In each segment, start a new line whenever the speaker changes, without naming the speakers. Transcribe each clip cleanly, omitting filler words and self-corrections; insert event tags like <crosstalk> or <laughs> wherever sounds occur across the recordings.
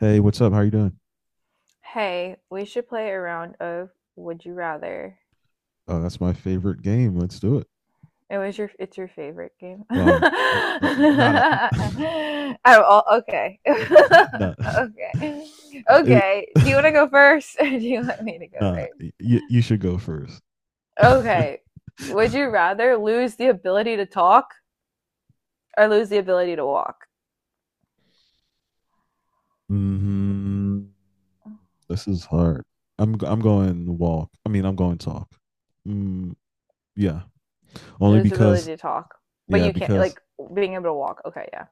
Hey, what's up? How you doing?
Hey, we should play a round of Would You Rather.
Oh, that's my favorite game. Let's do it.
It was your it's your favorite game. <laughs>
Well, not a-
Oh, okay. <laughs>
<laughs> no, <laughs>
okay.
Uh, it,
Okay. Do you
<laughs>
want to go first <laughs> or do you want me to go
nah. You
first?
you should go first. <laughs>
Okay. Would you rather lose the ability to talk or lose the ability to walk?
hmm This is hard. I'm going walk. I mean, I'm going talk. Mm, yeah, only
Lose the ability
because
to talk, but
yeah
you can't
because
like being able to walk. Okay, yeah.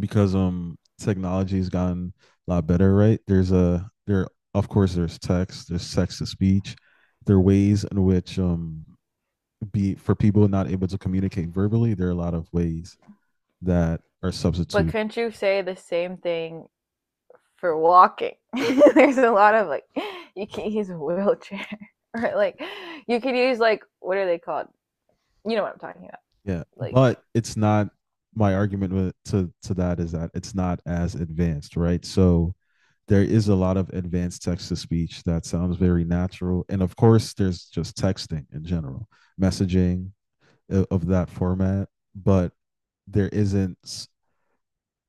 because technology has gotten a lot better, right? There's a there of course there's there's text to speech. There are ways in which be for people not able to communicate verbally, there are a lot of ways that are
But
substitute.
couldn't you say the same thing for walking. <laughs> There's a lot of like you can use a wheelchair <laughs> or like you can use like what are they called? You know what I'm talking about.
Yeah.
Like
But it's not my argument with, to that is that it's not as advanced, right? So there is a lot of advanced text to speech that sounds very natural. And of course, there's just texting in general, messaging, of that format, but there isn't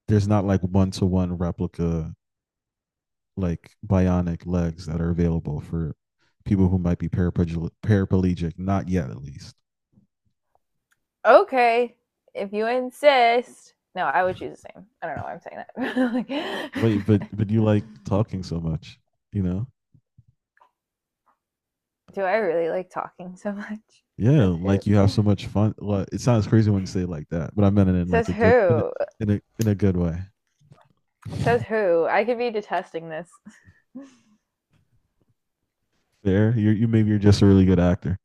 there's not like one to one replica, like bionic legs that are available for people who might be paraplegic, not yet at least.
okay, if you insist. No, I would choose the same. I don't know why I'm saying
Wait, but
that.
but
<laughs>
you
Like,
like talking so much, you know?
<laughs> do I really like talking so much?
Yeah,
Says who?
like you have so much fun. Like, it sounds crazy when you say it like that, but I meant it in like
Says
a good in a
who?
in a, in a good way.
Says who? I could be detesting this.
Fair. You, maybe you're just a really good actor.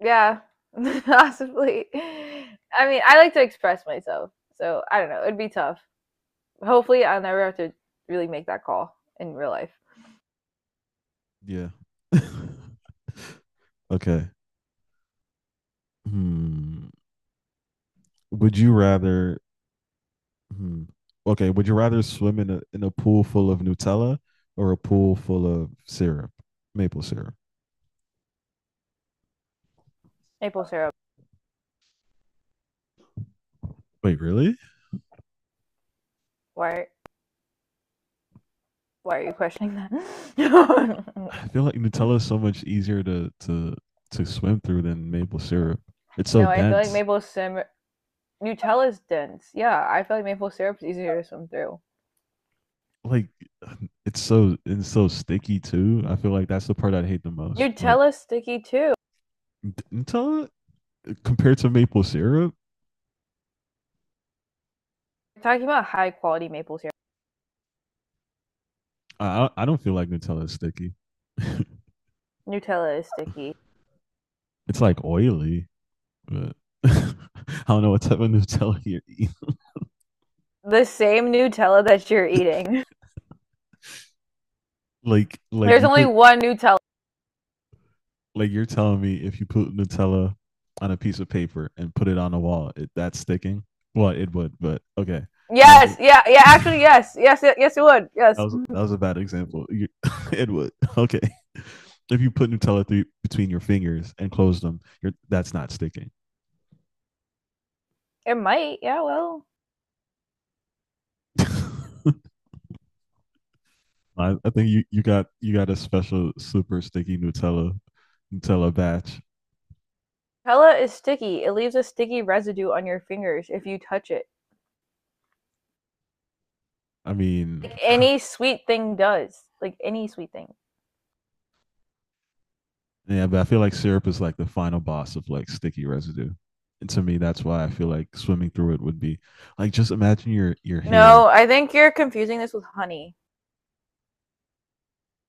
Yeah, <laughs> possibly. I mean, I like to express myself, so I don't know. It'd be tough. Hopefully, I'll never have to really make that call in real life.
Yeah. <laughs> okay. Hmm. Would you rather? Hmm. Okay. Would you rather swim in a pool full of Nutella or a pool full of syrup, maple syrup?
Maple syrup.
Wait, really?
Why? Why are you questioning that? <laughs>
I feel like Nutella is so much easier to swim through than maple syrup. It's so
No, I feel like
dense.
maple syrup. Nutella's dense. Yeah, I feel like maple syrup's easier to swim through.
Like it's so sticky too. I feel like that's the part I hate the most. Like
Nutella's sticky too.
Nutella compared to maple syrup,
We're talking about high quality maple syrup.
I don't feel like Nutella is sticky. <laughs>
Nutella is sticky.
it's like oily. Uh, <laughs> I don't know what type of Nutella you're eating.
The same Nutella that you're eating.
Like,
<laughs>
like
There's
you
only
could,
one Nutella.
like you're telling me if you put Nutella on a piece of paper and put it on a wall, it, that's sticking. Well, it would, but okay. That was
Yes, yeah, yeah.
a, <laughs>
Actually, yes. It would. Yes,
that was a bad example. You, <laughs> it would. Okay. If you put Nutella through, between your fingers and close them, you're, that's not sticking.
it might. Yeah, well,
<laughs> I think you got a special super sticky Nutella batch.
Nutella is sticky. It leaves a sticky residue on your fingers if you touch it.
I mean,
Like any sweet thing does. Like any sweet thing.
yeah, but I feel like syrup is like the final boss of like sticky residue. And to me, that's why I feel like swimming through it would be like just imagine your hair.
No, I think you're confusing this with honey.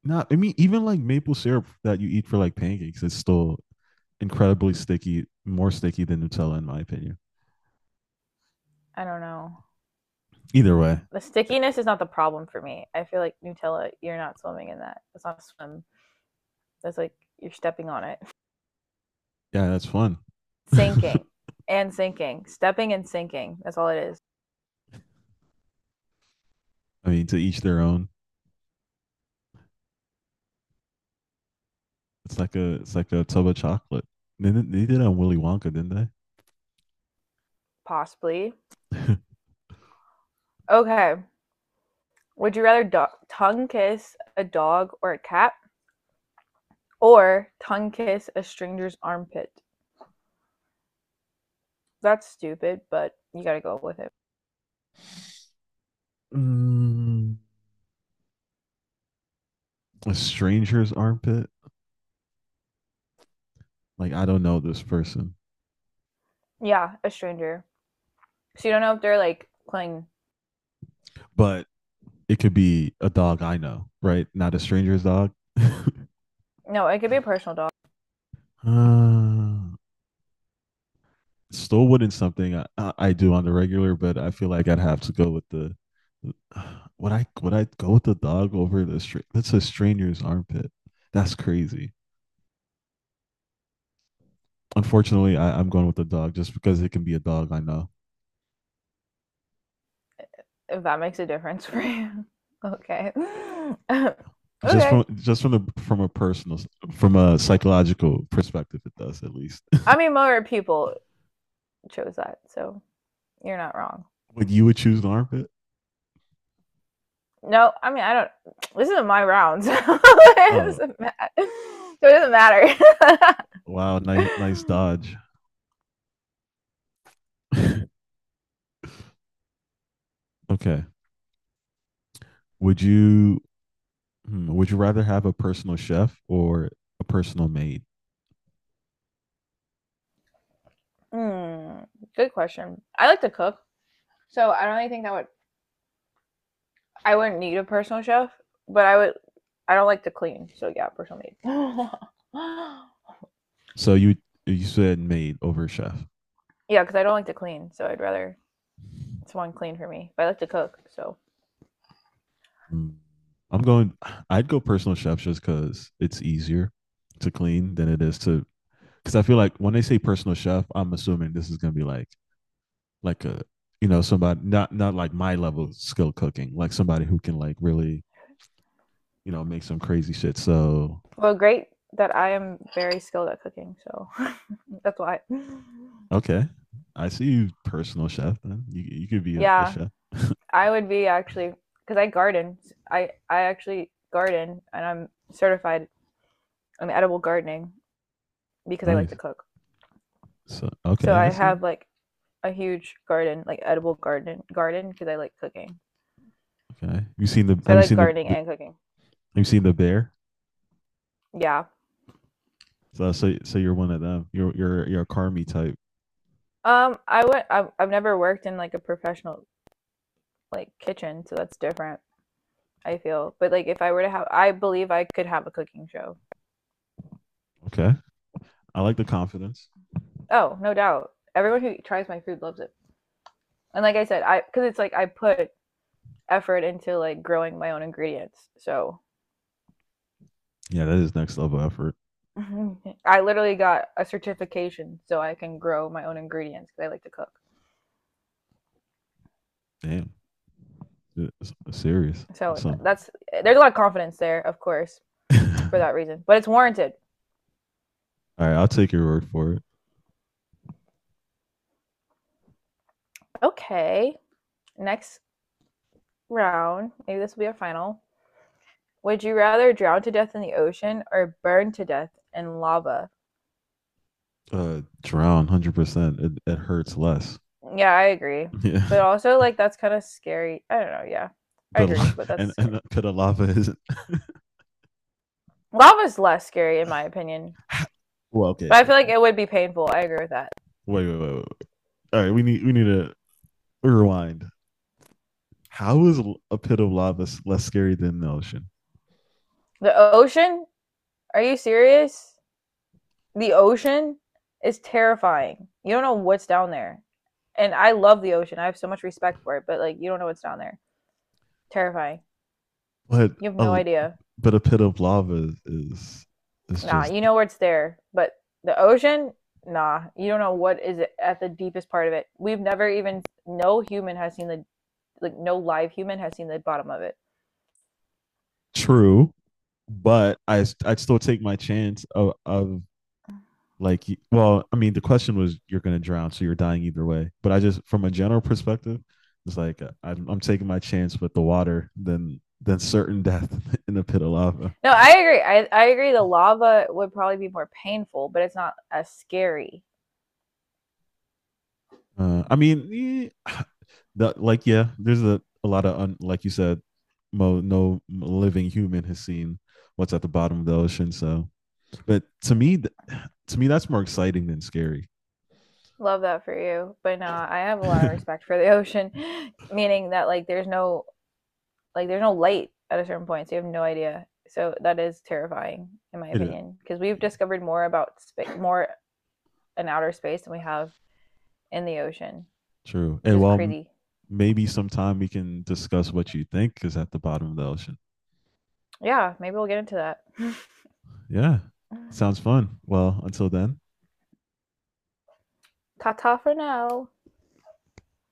Not I mean, even like maple syrup that you eat for like pancakes, it's still incredibly sticky, more sticky than Nutella in my opinion.
I don't know.
Either way,
The stickiness is not the problem for me. I feel like Nutella, you're not swimming in that. That's not a swim. That's like you're stepping on it.
yeah, that's fun. <laughs> I
Sinking and sinking. Stepping and sinking. That's all it is.
mean, to each their own. It's like a tub of chocolate. They did it on Willy Wonka, didn't
Possibly.
they? <laughs>
Okay. Would you rather tongue kiss a dog or a cat or tongue kiss a stranger's armpit? That's stupid, but you gotta go with it.
Mm, a stranger's armpit. Like I don't know this person,
Yeah, a stranger. So you don't know if they're like playing.
but it could be a dog I know, right? Not a stranger's dog. <laughs>
No, it could be a personal dog
Uh, Still wouldn't something I do on the regular, but I feel like I'd have to go with the. <sighs> Would I go with the dog over the str? That's a stranger's armpit? That's crazy. Unfortunately, I'm going with the dog just because it can be a dog I know.
if that makes a difference for you. <laughs> okay. <laughs> okay.
Just from the from a personal, from a psychological perspective, it does at least.
I
<laughs>
mean, more people chose that, so you're not wrong.
Would you would choose an armpit?
No, I mean, I don't. This isn't my round, so <laughs> it
Oh
doesn't matter. So it doesn't matter.
wow, nice dodge.
<laughs>
<laughs> okay, Would you would you rather have a personal chef or a personal maid?
Hmm, good question. I like to cook, so I don't really think that would I wouldn't need a personal chef, but I would. I don't like to clean, so yeah, personal maid. <gasps> <laughs>
So you said maid over chef.
Yeah, because I don't like to clean, so I'd rather someone clean for me. But I like to cook, so
Mm, I'm going. I'd go personal chef just because it's easier to clean than it is to. Because I feel like when they say personal chef, I'm assuming this is gonna be like a you know somebody not like my level of skill cooking, like somebody who can like really, you know, make some crazy shit. So
well, great that I am very skilled at cooking, so <laughs> that's why. <gasps>
okay, I see you, personal chef. Then. You could be a
Yeah,
chef.
I would be actually because I garden. I actually garden, and I'm certified in edible gardening because I like to
Nice.
cook.
So
So
okay,
I
I see.
have like a huge garden, like edible garden garden because I like cooking.
Okay,
So I
you
like
seen
gardening
the have
and cooking.
you seen the bear?
Yeah.
So you're one of them. You're a Carmi type.
I would I've never worked in like a professional like kitchen, so that's different, I feel. But like if I were to have I believe I could have a cooking show.
Okay, I like the confidence.
Oh, no doubt. Everyone who tries my food loves it. And like I said, I because it's like I put effort into like growing my own ingredients. So
Yeah, that is next level effort.
<laughs> I literally got a certification so I can grow my own ingredients because I like to cook.
Damn, it's serious.
So
That's something.
that's there's a lot of confidence there, of course,
<laughs>
for
All
that reason. But it's warranted.
right, I'll take your word for it.
Okay. Next round, maybe this will be our final. Would you rather drown to death in the ocean or burn to death in lava?
Drown, 100%. It it hurts less.
Yeah, I agree.
Yeah,
But also, like, that's kind of scary. I don't know. Yeah,
<laughs>
I
but
agree, but that's scary.
and Pita lava isn't.
Lava's less scary, in my opinion.
<laughs> Well, okay,
But I
okay,
feel like
okay.
it would be painful. I agree with that.
Wait, wait, wait, wait. All right, we need to rewind. How is a pit of lava less scary than the ocean?
The ocean? Are you serious? The ocean is terrifying. You don't know what's down there. And I love the ocean. I have so much respect for it, but, like, you don't know what's down there. Terrifying.
But
You have no
a
idea.
but a pit of lava is
Nah,
just
you know where it's there, but the ocean, nah, you don't know what is at the deepest part of it. We've never even no human has seen the like no live human has seen the bottom of it.
true. But I s- I'd still take my chance of like, well I mean the question was you're gonna drown so you're dying either way, but I just from a general perspective it's like I'm taking my chance with the water than certain <laughs> death in a pit of lava,
No, I agree. I agree the lava would probably be more painful, but it's not as scary.
uh, I mean eh, <sighs> the, like yeah there's a lot of like you said no living human has seen what's at the bottom of the ocean, so but to me that's more exciting than scary.
Love that for you. But nah, I have
<laughs>
a lot of
it
respect for the ocean, <laughs> meaning that there's no light at a certain point, so you have no idea. So that is terrifying in my
is
opinion because we've
yeah.
discovered more about spa- more an outer space than we have in the ocean,
True.
which
And
is
well,
crazy.
maybe sometime we can discuss what you think is at the bottom of the ocean.
Yeah, maybe we'll get into that. <laughs>
Yeah. Sounds fun. Well, until then.
Ta ta for now.